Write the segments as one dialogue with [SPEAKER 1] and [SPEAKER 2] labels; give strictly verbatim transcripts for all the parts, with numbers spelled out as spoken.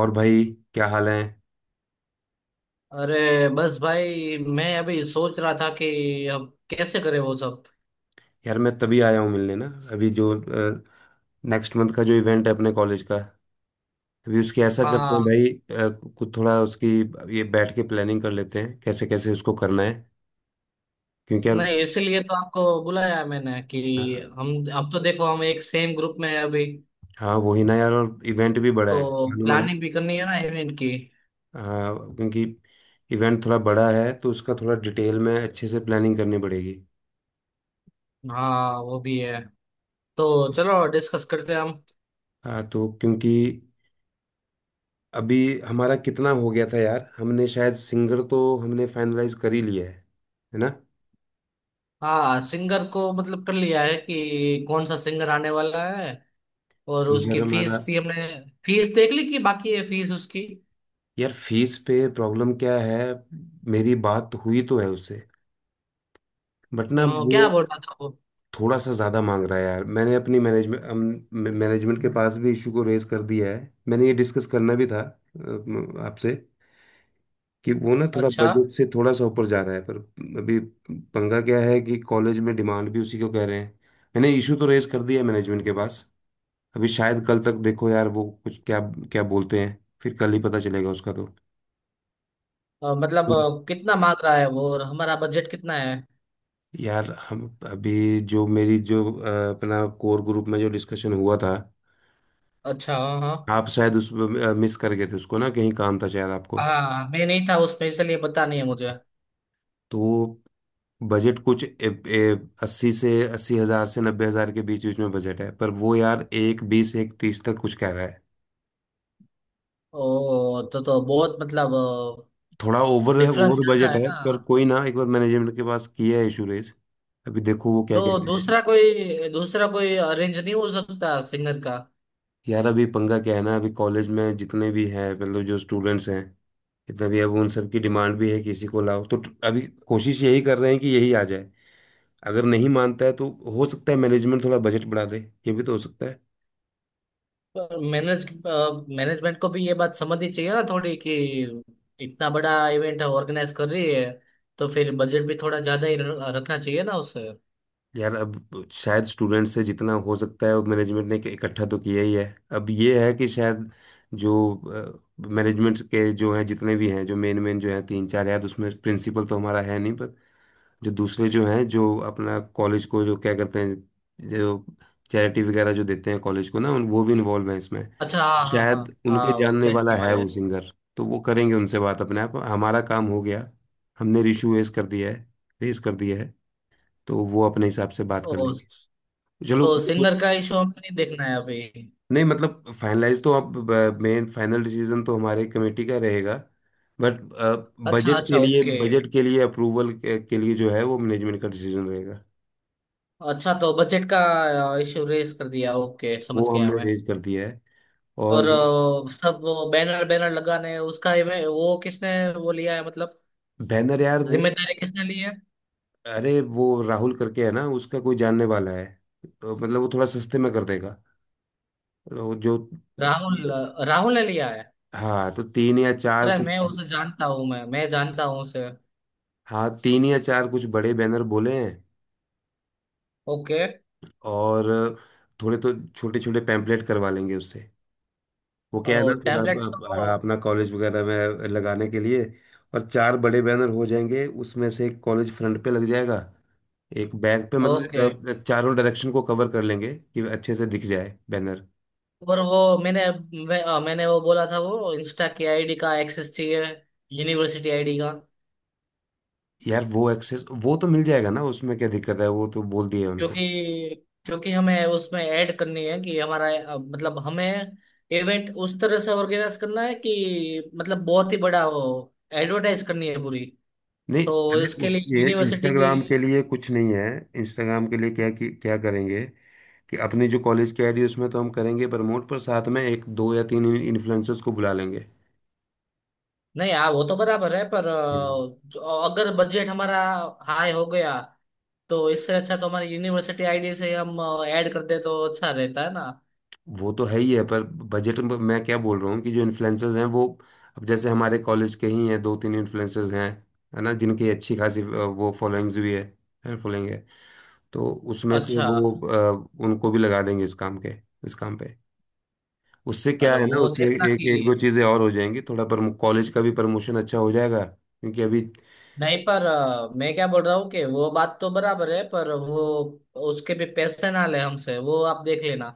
[SPEAKER 1] और भाई क्या हाल है।
[SPEAKER 2] अरे। बस भाई मैं अभी सोच रहा था कि अब कैसे करें वो सब।
[SPEAKER 1] यार मैं तभी आया हूँ मिलने ना। अभी जो नेक्स्ट मंथ का जो इवेंट है अपने कॉलेज का अभी उसकी ऐसा करते हैं
[SPEAKER 2] हाँ।
[SPEAKER 1] भाई। अ, कुछ थोड़ा उसकी ये बैठ के प्लानिंग कर लेते हैं कैसे कैसे उसको करना है क्योंकि यार।
[SPEAKER 2] नहीं, इसीलिए तो आपको बुलाया मैंने कि
[SPEAKER 1] अ,
[SPEAKER 2] हम अब तो देखो, हम एक सेम ग्रुप में हैं अभी।
[SPEAKER 1] हाँ वही ना यार और इवेंट भी बड़ा है
[SPEAKER 2] तो
[SPEAKER 1] मालूम है ना।
[SPEAKER 2] प्लानिंग भी करनी है ना इवेंट की।
[SPEAKER 1] अ, क्योंकि इवेंट थोड़ा बड़ा है तो उसका थोड़ा डिटेल में अच्छे से प्लानिंग करनी पड़ेगी।
[SPEAKER 2] हाँ वो भी है। तो चलो डिस्कस करते हैं हम।
[SPEAKER 1] हाँ तो क्योंकि अभी हमारा कितना हो गया था यार हमने शायद सिंगर तो हमने फाइनलाइज कर ही लिया है। है ना।
[SPEAKER 2] हाँ, सिंगर को मतलब कर लिया है कि कौन सा सिंगर आने वाला है। और
[SPEAKER 1] सीनियर
[SPEAKER 2] उसकी फीस
[SPEAKER 1] हमारा।
[SPEAKER 2] भी हमने फीस देख ली कि बाकी है फीस उसकी।
[SPEAKER 1] यार फीस पे प्रॉब्लम क्या है। मेरी बात हुई तो है उससे बट
[SPEAKER 2] अ,
[SPEAKER 1] ना
[SPEAKER 2] क्या
[SPEAKER 1] वो
[SPEAKER 2] बोल रहा था वो।
[SPEAKER 1] थोड़ा सा ज़्यादा मांग रहा है यार। मैंने अपनी मैनेजमेंट मैनेजमेंट के पास भी इशू को रेज कर दिया है। मैंने ये डिस्कस करना भी था अम, आपसे कि वो ना थोड़ा
[SPEAKER 2] अच्छा।
[SPEAKER 1] बजट से थोड़ा सा ऊपर जा रहा है पर। अभी पंगा क्या है कि कॉलेज में डिमांड भी उसी को कह रहे हैं। मैंने इशू तो रेज कर दिया है मैनेजमेंट के पास। अभी शायद कल तक देखो यार वो कुछ क्या क्या बोलते हैं फिर कल ही पता चलेगा उसका।
[SPEAKER 2] अ,
[SPEAKER 1] तो
[SPEAKER 2] मतलब अ, कितना मांग रहा है वो और हमारा बजट कितना है।
[SPEAKER 1] यार हम अभी जो मेरी जो अ, अपना कोर ग्रुप में जो डिस्कशन हुआ था।
[SPEAKER 2] अच्छा। हाँ
[SPEAKER 1] आप शायद उस मिस कर गए थे उसको ना कहीं काम था शायद आपको।
[SPEAKER 2] हाँ। हाँ मैं नहीं था उसमें इसलिए पता नहीं है मुझे।
[SPEAKER 1] तो बजट कुछ ए, ए, अस्सी से अस्सी हजार से नब्बे हजार के बीच बीच में बजट है पर वो यार एक बीस एक तीस तक कुछ कह रहा है।
[SPEAKER 2] ओ तो तो बहुत मतलब
[SPEAKER 1] थोड़ा ओवर
[SPEAKER 2] डिफरेंस
[SPEAKER 1] ओवर
[SPEAKER 2] ज्यादा
[SPEAKER 1] बजट
[SPEAKER 2] है
[SPEAKER 1] है
[SPEAKER 2] ना।
[SPEAKER 1] पर कोई ना एक बार मैनेजमेंट के पास किया है इशू रेज। अभी देखो वो क्या
[SPEAKER 2] तो
[SPEAKER 1] कहते हैं।
[SPEAKER 2] दूसरा कोई दूसरा कोई अरेंज नहीं हो सकता सिंगर का।
[SPEAKER 1] यार अभी पंगा क्या है ना अभी कॉलेज में जितने भी हैं मतलब जो स्टूडेंट्स हैं कि तभी अब उन सब की डिमांड भी है कि इसी को लाओ तो ट- अभी कोशिश यही कर रहे हैं कि यही आ जाए। अगर नहीं मानता है तो हो सकता है मैनेजमेंट थोड़ा बजट बढ़ा दे ये भी तो हो सकता है।
[SPEAKER 2] मैनेज मैनेजमेंट को भी ये बात समझनी चाहिए ना थोड़ी कि इतना बड़ा इवेंट ऑर्गेनाइज कर रही है। तो फिर बजट भी थोड़ा ज्यादा ही र- रखना चाहिए ना उससे।
[SPEAKER 1] यार अब शायद स्टूडेंट से जितना हो सकता है मैनेजमेंट ने इकट्ठा तो किया ही है। अब ये है कि शायद जो मैनेजमेंट के जो हैं जितने भी हैं जो मेन मेन जो हैं तीन चार यार उसमें प्रिंसिपल तो हमारा है नहीं पर जो दूसरे जो हैं जो अपना कॉलेज को जो क्या करते हैं जो चैरिटी वगैरह जो देते हैं कॉलेज को ना उन वो भी इन्वॉल्व हैं इसमें।
[SPEAKER 2] अच्छा। हाँ हाँ हाँ।
[SPEAKER 1] शायद उनके
[SPEAKER 2] हाँ वो
[SPEAKER 1] जानने
[SPEAKER 2] टेंट
[SPEAKER 1] वाला है
[SPEAKER 2] वाले।
[SPEAKER 1] वो सिंगर तो वो करेंगे उनसे बात अपने आप हमारा काम हो गया। हमने इशू रेस कर दिया है। रेस कर दिया है। तो वो अपने हिसाब से बात कर
[SPEAKER 2] ओ,
[SPEAKER 1] लेंगे। चलो।
[SPEAKER 2] तो सिंगर का इशू हमें नहीं देखना है अभी।
[SPEAKER 1] नहीं मतलब फाइनलाइज तो अब मेन फाइनल डिसीजन तो हमारे कमेटी का रहेगा बट
[SPEAKER 2] अच्छा
[SPEAKER 1] बजट
[SPEAKER 2] अच्छा
[SPEAKER 1] के लिए
[SPEAKER 2] ओके।
[SPEAKER 1] बजट के लिए अप्रूवल के, के लिए जो है वो मैनेजमेंट का डिसीजन रहेगा।
[SPEAKER 2] अच्छा तो बजट का इशू रेस कर दिया, ओके
[SPEAKER 1] वो
[SPEAKER 2] समझ गया
[SPEAKER 1] हमने
[SPEAKER 2] मैं।
[SPEAKER 1] अरेंज कर दिया है
[SPEAKER 2] और
[SPEAKER 1] और।
[SPEAKER 2] अ, सब वो बैनर बैनर लगाने उसका ही वे- वो किसने वो लिया है, मतलब
[SPEAKER 1] बैनर यार वो।
[SPEAKER 2] जिम्मेदारी किसने ली है।
[SPEAKER 1] अरे वो राहुल करके है ना उसका कोई जानने वाला है तो मतलब वो थोड़ा सस्ते में कर देगा तो जो।
[SPEAKER 2] राहुल राहुल ने लिया है।
[SPEAKER 1] हाँ तो तीन या चार
[SPEAKER 2] अरे
[SPEAKER 1] कुछ।
[SPEAKER 2] मैं उसे जानता हूँ, मैं मैं जानता हूँ उसे।
[SPEAKER 1] हाँ तीन या चार कुछ बड़े बैनर बोले हैं
[SPEAKER 2] ओके।
[SPEAKER 1] और थोड़े तो छोटे छोटे पैम्पलेट करवा लेंगे उससे। वो क्या है ना
[SPEAKER 2] और
[SPEAKER 1] थोड़ा
[SPEAKER 2] टेम्पलेट
[SPEAKER 1] अ, हाँ,
[SPEAKER 2] तो।
[SPEAKER 1] अपना कॉलेज वगैरह में लगाने के लिए। और चार बड़े बैनर हो जाएंगे उसमें से एक कॉलेज फ्रंट पे लग जाएगा एक बैक पे
[SPEAKER 2] ओके।
[SPEAKER 1] मतलब अ, चारों डायरेक्शन को कवर कर लेंगे कि अच्छे से दिख जाए बैनर।
[SPEAKER 2] और वो मैंने मैं, अ, मैंने वो बोला था, वो इंस्टा की आईडी का एक्सेस चाहिए, यूनिवर्सिटी आईडी का।
[SPEAKER 1] यार वो एक्सेस वो तो मिल जाएगा ना उसमें क्या दिक्कत है वो तो बोल दिए उनको।
[SPEAKER 2] क्योंकि क्योंकि हमें उसमें ऐड करनी है कि हमारा अ, मतलब हमें इवेंट उस तरह से ऑर्गेनाइज करना है कि मतलब बहुत ही बड़ा हो। एडवर्टाइज करनी है पूरी।
[SPEAKER 1] नहीं।
[SPEAKER 2] तो
[SPEAKER 1] अरे
[SPEAKER 2] इसके
[SPEAKER 1] उस
[SPEAKER 2] लिए
[SPEAKER 1] ये
[SPEAKER 2] यूनिवर्सिटी की।
[SPEAKER 1] इंस्टाग्राम के लिए कुछ नहीं है। इंस्टाग्राम के लिए क्या कि, क्या करेंगे कि अपने जो कॉलेज की आईडी उसमें तो हम करेंगे प्रमोट पर साथ में एक दो या तीन इन्फ्लुएंसर्स को बुला लेंगे।
[SPEAKER 2] नहीं, हाँ वो तो बराबर है पर अ, जो- अगर बजट हमारा हाई हो गया तो इससे अच्छा तो हमारी यूनिवर्सिटी आईडी से हम ऐड कर दे तो अच्छा रहता है ना।
[SPEAKER 1] वो तो है ही है पर बजट में मैं क्या बोल रहा हूँ कि जो इन्फ्लुएंसर्स हैं वो अब जैसे हमारे कॉलेज के ही हैं दो तीन इन्फ्लुएंसर्स हैं है ना जिनकी अच्छी खासी अ, वो फॉलोइंग्स भी है फॉलोइंग है। तो उसमें से
[SPEAKER 2] अच्छा।
[SPEAKER 1] वो अ, उनको भी लगा देंगे इस काम के इस काम पे। उससे क्या
[SPEAKER 2] पर
[SPEAKER 1] है ना
[SPEAKER 2] वो
[SPEAKER 1] उससे
[SPEAKER 2] देखना
[SPEAKER 1] एक
[SPEAKER 2] कि
[SPEAKER 1] एक दो चीज़ें और हो जाएंगी थोड़ा पर कॉलेज का भी प्रमोशन अच्छा हो जाएगा क्योंकि अभी।
[SPEAKER 2] नहीं, पर अ, मैं क्या बोल रहा हूँ कि वो बात तो बराबर है, पर वो उसके भी पैसे ना ले हमसे, वो आप देख लेना।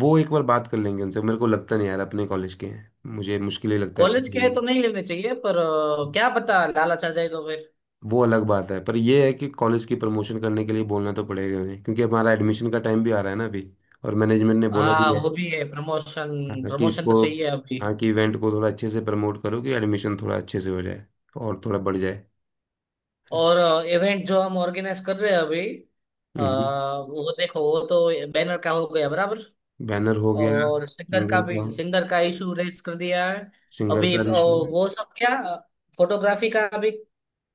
[SPEAKER 1] वो एक बार बात कर लेंगे उनसे मेरे को लगता नहीं यार अपने कॉलेज के हैं मुझे मुश्किल ही लगता है
[SPEAKER 2] कॉलेज
[SPEAKER 1] पैसे
[SPEAKER 2] के है
[SPEAKER 1] लेना।
[SPEAKER 2] तो नहीं लेने चाहिए, पर अ, क्या पता लालच आ जाए तो फिर।
[SPEAKER 1] वो अलग बात है पर ये है कि कॉलेज की प्रमोशन करने के लिए बोलना तो पड़ेगा उन्हें क्योंकि हमारा एडमिशन का टाइम भी आ रहा है ना अभी। और मैनेजमेंट ने बोला भी
[SPEAKER 2] हाँ
[SPEAKER 1] है।
[SPEAKER 2] वो भी है।
[SPEAKER 1] हाँ।
[SPEAKER 2] प्रमोशन
[SPEAKER 1] हाँ, कि
[SPEAKER 2] प्रमोशन तो
[SPEAKER 1] इसको
[SPEAKER 2] चाहिए अभी।
[SPEAKER 1] हाँ कि इवेंट को थोड़ा अच्छे से प्रमोट करो कि एडमिशन थोड़ा अच्छे से हो जाए और थोड़ा बढ़ जाए।
[SPEAKER 2] और इवेंट जो हम ऑर्गेनाइज कर रहे हैं अभी अ,
[SPEAKER 1] हम्म।
[SPEAKER 2] वो देखो, वो तो बैनर का हो गया बराबर।
[SPEAKER 1] बैनर हो गया।
[SPEAKER 2] और सिंगर का
[SPEAKER 1] सिंगर
[SPEAKER 2] भी
[SPEAKER 1] का
[SPEAKER 2] सिंगर का इशू रेस कर दिया है
[SPEAKER 1] सिंगर
[SPEAKER 2] अभी।
[SPEAKER 1] का
[SPEAKER 2] अ,
[SPEAKER 1] रिश्यू।
[SPEAKER 2] वो सब क्या, फोटोग्राफी का भी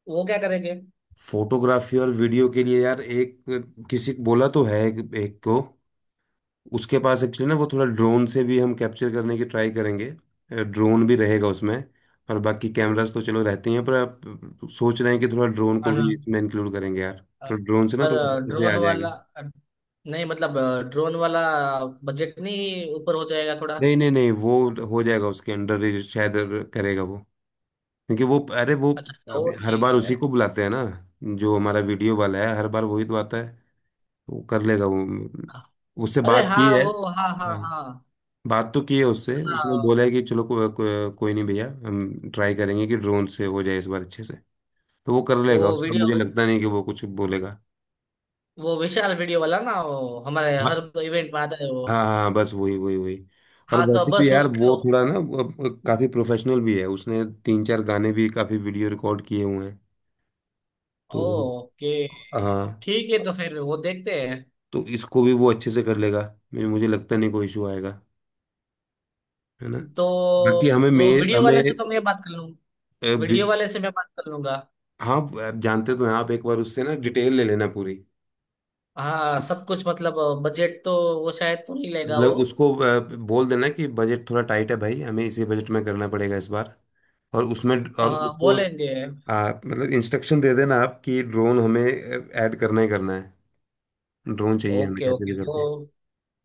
[SPEAKER 2] वो क्या करेंगे।
[SPEAKER 1] फोटोग्राफी और वीडियो के लिए यार एक किसी को बोला तो है एक, एक को। उसके पास एक्चुअली ना वो थोड़ा ड्रोन से भी हम कैप्चर करने की ट्राई करेंगे ड्रोन भी रहेगा उसमें। और बाकी कैमरास तो चलो रहते ही हैं पर आप सोच रहे हैं कि थोड़ा ड्रोन को भी इसमें इंक्लूड करेंगे यार। तो ड्रोन से ना
[SPEAKER 2] पर
[SPEAKER 1] थोड़ा अच्छे से आ
[SPEAKER 2] ड्रोन वाला
[SPEAKER 1] जाएगा।
[SPEAKER 2] नहीं मतलब ड्रोन वाला बजट नहीं ऊपर हो जाएगा थोड़ा।
[SPEAKER 1] नहीं नहीं नहीं, वो हो जाएगा उसके अंडर ही शायद करेगा वो। क्योंकि वो अरे वो
[SPEAKER 2] अच्छा तो
[SPEAKER 1] अभी हर
[SPEAKER 2] ठीक
[SPEAKER 1] बार उसी
[SPEAKER 2] है।
[SPEAKER 1] को बुलाते हैं ना जो हमारा वीडियो वाला है हर बार वही तो आता है वो कर लेगा वो उससे
[SPEAKER 2] अरे
[SPEAKER 1] बात की
[SPEAKER 2] हाँ
[SPEAKER 1] है।
[SPEAKER 2] वो। हाँ हाँ हाँ।
[SPEAKER 1] बात तो की है उससे उसने बोला है
[SPEAKER 2] हाँ
[SPEAKER 1] कि चलो को, को, कोई नहीं भैया हम ट्राई करेंगे कि ड्रोन से हो जाए इस बार अच्छे से। तो वो कर
[SPEAKER 2] वो
[SPEAKER 1] लेगा उसका मुझे
[SPEAKER 2] वीडियो,
[SPEAKER 1] लगता नहीं कि वो कुछ बोलेगा।
[SPEAKER 2] वो विशाल वीडियो वाला ना, वो हमारे हर
[SPEAKER 1] हाँ
[SPEAKER 2] इवेंट में आता है वो।
[SPEAKER 1] हाँ हाँ बस वही वही वही। और
[SPEAKER 2] हाँ तो
[SPEAKER 1] वैसे भी
[SPEAKER 2] बस
[SPEAKER 1] यार वो
[SPEAKER 2] उसको।
[SPEAKER 1] थोड़ा ना वो, वो काफी प्रोफेशनल भी है उसने तीन चार गाने भी काफी वीडियो रिकॉर्ड किए हुए हैं तो।
[SPEAKER 2] ओके
[SPEAKER 1] हाँ।
[SPEAKER 2] ठीक है, तो फिर वो देखते हैं।
[SPEAKER 1] तो इसको भी वो अच्छे से कर लेगा मुझे मुझे लगता नहीं कोई इशू आएगा है ना।
[SPEAKER 2] तो
[SPEAKER 1] बाकी हमें
[SPEAKER 2] वो
[SPEAKER 1] मे
[SPEAKER 2] वीडियो
[SPEAKER 1] हमें
[SPEAKER 2] वाले से तो मैं बात कर लूँ।
[SPEAKER 1] अ, वि-
[SPEAKER 2] वीडियो वाले से मैं बात कर लूंगा।
[SPEAKER 1] हाँ आप जानते तो हैं आप एक बार उससे ना डिटेल ले लेना पूरी।
[SPEAKER 2] हाँ सब कुछ मतलब बजट तो वो शायद तो नहीं लेगा वो।
[SPEAKER 1] मतलब उसको अ, बोल देना कि बजट थोड़ा टाइट है भाई हमें इसी बजट में करना पड़ेगा इस बार और उसमें और
[SPEAKER 2] हाँ
[SPEAKER 1] उसको
[SPEAKER 2] बोलेंगे।
[SPEAKER 1] आ, मतलब इंस्ट्रक्शन दे देना आप कि ड्रोन हमें ऐड करना ही करना है ड्रोन चाहिए हमें
[SPEAKER 2] ओके
[SPEAKER 1] कैसे
[SPEAKER 2] ओके,
[SPEAKER 1] भी
[SPEAKER 2] तो
[SPEAKER 1] करके।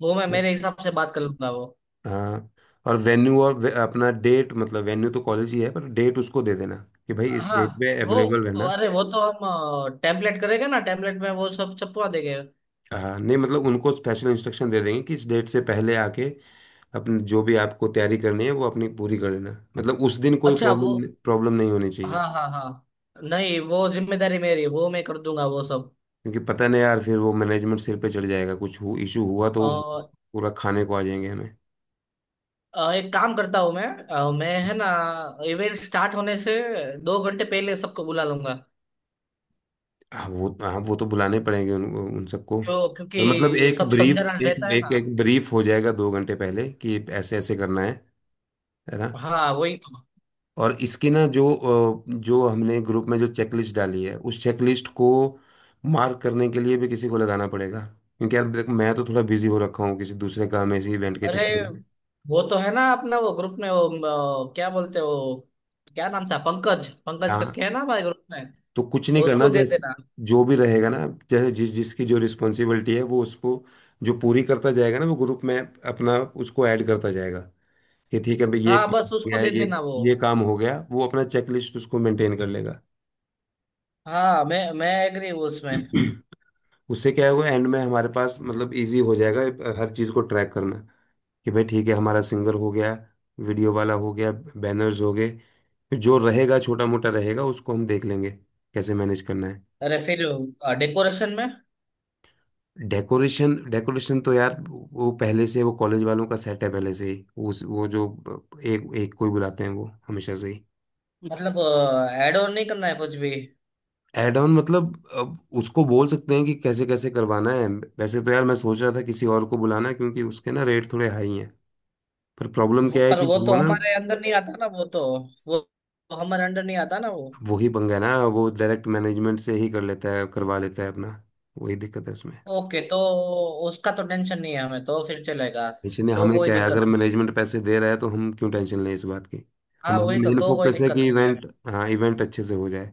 [SPEAKER 2] वो मैं मेरे हिसाब से बात कर लूंगा वो।
[SPEAKER 1] हाँ। और वेन्यू और वे- अपना डेट मतलब वेन्यू तो कॉलेज ही है पर डेट उसको दे देना कि भाई इस
[SPEAKER 2] हाँ
[SPEAKER 1] डेट पे
[SPEAKER 2] वो।
[SPEAKER 1] अवेलेबल रहना।
[SPEAKER 2] अरे वो तो हम टेम्पलेट करेंगे ना, टेम्पलेट में वो सब छपवा देंगे।
[SPEAKER 1] हाँ नहीं मतलब उनको स्पेशल इंस्ट्रक्शन दे देंगे कि इस डेट से पहले आके अपने जो भी आपको तैयारी करनी है वो अपनी पूरी कर लेना मतलब उस दिन कोई
[SPEAKER 2] अच्छा वो।
[SPEAKER 1] प्रॉब्लम प्रॉब्लम नहीं होनी चाहिए।
[SPEAKER 2] हाँ हाँ हाँ। नहीं, वो जिम्मेदारी मेरी है, वो मैं कर दूंगा वो सब।
[SPEAKER 1] क्योंकि पता नहीं यार फिर वो मैनेजमेंट सिर पे चढ़ जाएगा कुछ हो, इशू हुआ तो
[SPEAKER 2] अ,
[SPEAKER 1] वो पूरा खाने को आ जाएंगे हमें।
[SPEAKER 2] अ, एक काम करता हूँ, मैं अ, मैं है ना, इवेंट स्टार्ट होने से दो घंटे पहले सबको बुला लूंगा।
[SPEAKER 1] हाँ वो हाँ वो तो बुलाने पड़ेंगे उन, उन सबको।
[SPEAKER 2] तो
[SPEAKER 1] पर मतलब
[SPEAKER 2] क्योंकि
[SPEAKER 1] एक
[SPEAKER 2] सब
[SPEAKER 1] ब्रीफ
[SPEAKER 2] समझना
[SPEAKER 1] एक
[SPEAKER 2] रहता है
[SPEAKER 1] एक
[SPEAKER 2] ना।
[SPEAKER 1] एक ब्रीफ हो जाएगा दो घंटे पहले कि ऐसे ऐसे करना है है ना।
[SPEAKER 2] हाँ वही तो।
[SPEAKER 1] और इसकी ना जो अ, जो हमने ग्रुप में जो चेकलिस्ट डाली है उस चेकलिस्ट को मार्क करने के लिए भी किसी को लगाना पड़ेगा क्योंकि यार देख मैं तो थोड़ा बिजी हो रखा हूँ किसी दूसरे काम में इसी इवेंट के
[SPEAKER 2] अरे
[SPEAKER 1] चक्कर में।
[SPEAKER 2] वो तो है ना, अपना वो ग्रुप में वो अ, क्या बोलते हैं वो, क्या नाम था, पंकज, पंकज
[SPEAKER 1] हाँ
[SPEAKER 2] करके है ना हमारे ग्रुप में,
[SPEAKER 1] तो कुछ नहीं करना
[SPEAKER 2] उसको दे
[SPEAKER 1] जैसे
[SPEAKER 2] देना।
[SPEAKER 1] जो भी रहेगा ना जैसे जिस जिसकी जो रिस्पॉन्सिबिलिटी है वो उसको जो पूरी करता जाएगा ना वो ग्रुप में अपना उसको ऐड करता जाएगा कि ठीक है भाई ये
[SPEAKER 2] हाँ
[SPEAKER 1] काम हो
[SPEAKER 2] बस उसको
[SPEAKER 1] गया
[SPEAKER 2] दे देना
[SPEAKER 1] ये
[SPEAKER 2] वो।
[SPEAKER 1] ये काम हो गया वो अपना चेक लिस्ट उसको मेंटेन कर लेगा।
[SPEAKER 2] हाँ मैं मैं एग्री हूँ उसमें।
[SPEAKER 1] उससे क्या होगा एंड में हमारे पास मतलब इजी हो जाएगा हर चीज़ को ट्रैक करना कि भाई ठीक है हमारा सिंगर हो गया वीडियो वाला हो गया बैनर्स हो गए जो रहेगा छोटा मोटा रहेगा उसको हम देख लेंगे कैसे मैनेज करना है।
[SPEAKER 2] अरे फिर डेकोरेशन में
[SPEAKER 1] डेकोरेशन डेकोरेशन तो यार वो पहले से वो कॉलेज वालों का सेट है पहले से ही उस वो जो एक एक कोई बुलाते हैं वो हमेशा से ही।
[SPEAKER 2] मतलब एड ऑन नहीं करना है कुछ भी।
[SPEAKER 1] एड ऑन मतलब अब उसको बोल सकते हैं कि कैसे कैसे करवाना है वैसे तो यार मैं सोच रहा था किसी और को बुलाना है क्योंकि उसके ना रेट थोड़े हाई हैं पर प्रॉब्लम
[SPEAKER 2] वो,
[SPEAKER 1] क्या है
[SPEAKER 2] पर
[SPEAKER 1] कि
[SPEAKER 2] वो तो
[SPEAKER 1] वो ना
[SPEAKER 2] हमारे अंदर नहीं आता ना, वो तो वो तो हमारे अंडर नहीं आता ना वो।
[SPEAKER 1] वही पंगा है ना वो डायरेक्ट मैनेजमेंट से ही कर लेता है करवा लेता है अपना वही दिक्कत है उसमें।
[SPEAKER 2] ओके, तो उसका तो टेंशन नहीं है हमें, तो फिर चलेगा।
[SPEAKER 1] इसलिए
[SPEAKER 2] तो
[SPEAKER 1] हमें
[SPEAKER 2] कोई
[SPEAKER 1] क्या है अगर
[SPEAKER 2] दिक्कत नहीं है।
[SPEAKER 1] मैनेजमेंट पैसे दे रहा है तो हम क्यों टेंशन लें इस बात की।
[SPEAKER 2] हाँ
[SPEAKER 1] हमारा
[SPEAKER 2] वही तो,
[SPEAKER 1] मेन
[SPEAKER 2] तो कोई
[SPEAKER 1] फोकस है
[SPEAKER 2] दिक्कत
[SPEAKER 1] कि
[SPEAKER 2] नहीं है।
[SPEAKER 1] इवेंट हाँ इवेंट अच्छे से हो जाए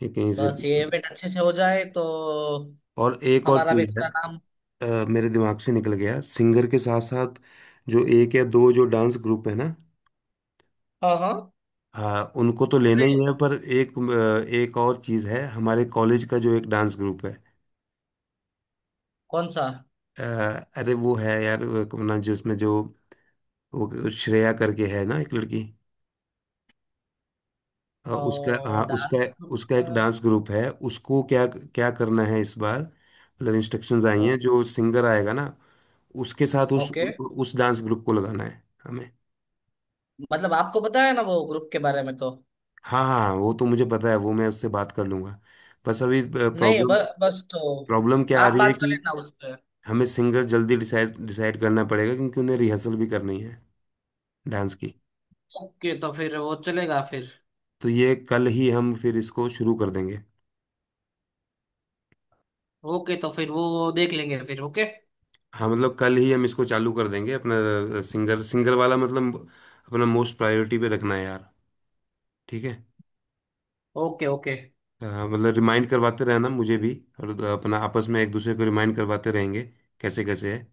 [SPEAKER 1] ठीक है यहीं से।
[SPEAKER 2] बस ये इवेंट अच्छे से हो जाए तो
[SPEAKER 1] और एक और
[SPEAKER 2] हमारा भी
[SPEAKER 1] चीज है
[SPEAKER 2] थोड़ा नाम।
[SPEAKER 1] अ, मेरे दिमाग से निकल गया सिंगर के साथ साथ जो एक या दो जो डांस ग्रुप है ना।
[SPEAKER 2] हाँ हाँ।
[SPEAKER 1] हाँ उनको तो लेना ही
[SPEAKER 2] अरे
[SPEAKER 1] है पर एक अ, एक और चीज है हमारे कॉलेज का जो एक डांस ग्रुप है।
[SPEAKER 2] कौन सा
[SPEAKER 1] अ, अरे वो है यार वो अपना जो उसमें जो वो श्रेया करके है ना एक लड़की अ, उसका हाँ उसका
[SPEAKER 2] डांस।
[SPEAKER 1] उसका एक डांस ग्रुप है उसको क्या क्या करना है इस बार मतलब इंस्ट्रक्शंस आई हैं जो सिंगर आएगा ना उसके साथ उस
[SPEAKER 2] ओके,
[SPEAKER 1] उ- उस डांस ग्रुप को लगाना है हमें।
[SPEAKER 2] मतलब आपको पता है ना वो ग्रुप के बारे में तो।
[SPEAKER 1] हाँ हाँ हाँ, वो तो मुझे पता है वो मैं उससे बात कर लूंगा। बस अभी
[SPEAKER 2] नहीं ब,
[SPEAKER 1] प्रॉब्लम
[SPEAKER 2] बस तो
[SPEAKER 1] प्रॉब्लम क्या आ
[SPEAKER 2] आप
[SPEAKER 1] रही है
[SPEAKER 2] बात कर
[SPEAKER 1] कि
[SPEAKER 2] लेना उससे।
[SPEAKER 1] हमें सिंगर जल्दी डिसाइड डिसाइड करना पड़ेगा क्योंकि उन्हें रिहर्सल भी करनी है डांस की।
[SPEAKER 2] ओके तो फिर वो चलेगा फिर।
[SPEAKER 1] तो ये कल ही हम फिर इसको शुरू कर देंगे।
[SPEAKER 2] ओके तो फिर वो देख लेंगे फिर, ओके।
[SPEAKER 1] हाँ मतलब कल ही हम इसको चालू कर देंगे अपना सिंगर सिंगर वाला मतलब अपना मोस्ट प्रायोरिटी पे रखना है यार ठीक है।
[SPEAKER 2] ओके ओके
[SPEAKER 1] हाँ, मतलब रिमाइंड करवाते रहना मुझे भी। और अपना आपस में एक दूसरे को रिमाइंड करवाते रहेंगे कैसे कैसे है।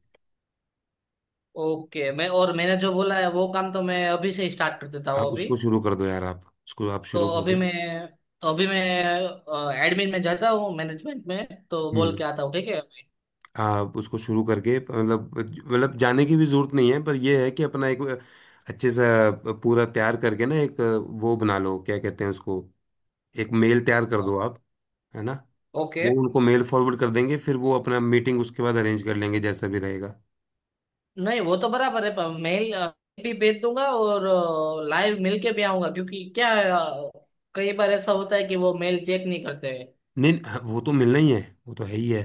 [SPEAKER 2] ओके। मैं और मैंने जो बोला है वो काम तो मैं अभी से स्टार्ट कर देता
[SPEAKER 1] आप
[SPEAKER 2] हूँ अभी।
[SPEAKER 1] उसको शुरू कर दो यार आप उसको आप
[SPEAKER 2] तो
[SPEAKER 1] शुरू कर
[SPEAKER 2] अभी
[SPEAKER 1] दो।
[SPEAKER 2] मैं तो अभी मैं एडमिन में जाता हूँ, मैनेजमेंट में तो बोल
[SPEAKER 1] हम्म।
[SPEAKER 2] के आता हूँ, ठीक है।
[SPEAKER 1] आप उसको शुरू करके मतलब मतलब जाने की भी जरूरत नहीं है पर यह है कि अपना एक अच्छे सा पूरा तैयार करके ना एक वो बना लो क्या कहते हैं उसको एक मेल तैयार कर
[SPEAKER 2] हाँ,
[SPEAKER 1] दो आप है ना
[SPEAKER 2] ओके।
[SPEAKER 1] वो उनको मेल फॉरवर्ड कर देंगे फिर वो अपना मीटिंग उसके बाद अरेंज कर लेंगे जैसा भी रहेगा।
[SPEAKER 2] नहीं, वो तो बराबर है, पर मेल अ, भी भेज दूंगा और लाइव मिल के भी आऊंगा, क्योंकि क्या है, अ, कई बार ऐसा होता है कि वो मेल चेक नहीं करते हैं।
[SPEAKER 1] नहीं हाँ, वो तो मिलना ही है वो तो है ही है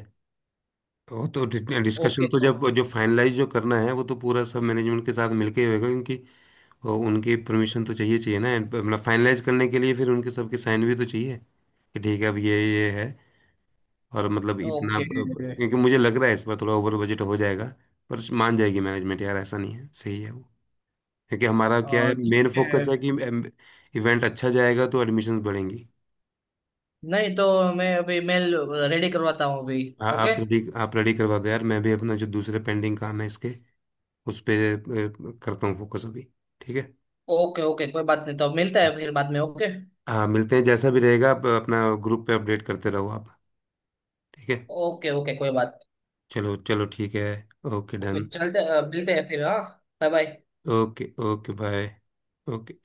[SPEAKER 1] वो तो डिस्कशन
[SPEAKER 2] ओके
[SPEAKER 1] तो
[SPEAKER 2] तो
[SPEAKER 1] जब जो फाइनलाइज जो करना है वो तो पूरा सब मैनेजमेंट के साथ मिलके ही होगा क्योंकि अ, उनकी परमिशन तो चाहिए चाहिए ना। And, मतलब फाइनलाइज करने के लिए फिर उनके सबके साइन भी तो चाहिए कि ठीक है अब ये ये है और मतलब इतना
[SPEAKER 2] ओके।
[SPEAKER 1] अब- अब- क्योंकि मुझे लग रहा है इस बार थोड़ा ओवर बजट हो जाएगा। पर मान जाएगी मैनेजमेंट यार ऐसा नहीं है सही है वो क्योंकि हमारा क्या
[SPEAKER 2] अ,
[SPEAKER 1] है
[SPEAKER 2] ठीक
[SPEAKER 1] मेन
[SPEAKER 2] है।
[SPEAKER 1] फोकस है कि इवेंट अच्छा जाएगा तो एडमिशन्स बढ़ेंगी।
[SPEAKER 2] नहीं तो मैं अभी मेल रेडी करवाता हूँ अभी।
[SPEAKER 1] आ,
[SPEAKER 2] ओके।
[SPEAKER 1] आप रेडी आप रेडी करवा दो यार मैं भी अपना जो दूसरे पेंडिंग काम है इसके उस पे अ, करता हूँ फोकस अभी ठीक है।
[SPEAKER 2] ओके ओके कोई बात नहीं, तो मिलता है फिर बाद में, ओके।
[SPEAKER 1] हाँ मिलते हैं जैसा भी रहेगा आप अपना ग्रुप पे अपडेट करते रहो आप ठीक है।
[SPEAKER 2] ओके ओके कोई बात।
[SPEAKER 1] चलो चलो ठीक है ओके
[SPEAKER 2] ओके,
[SPEAKER 1] डन
[SPEAKER 2] चलते अ, मिलते हैं फिर, हाँ। Bye bye.
[SPEAKER 1] Okay okay bye okay.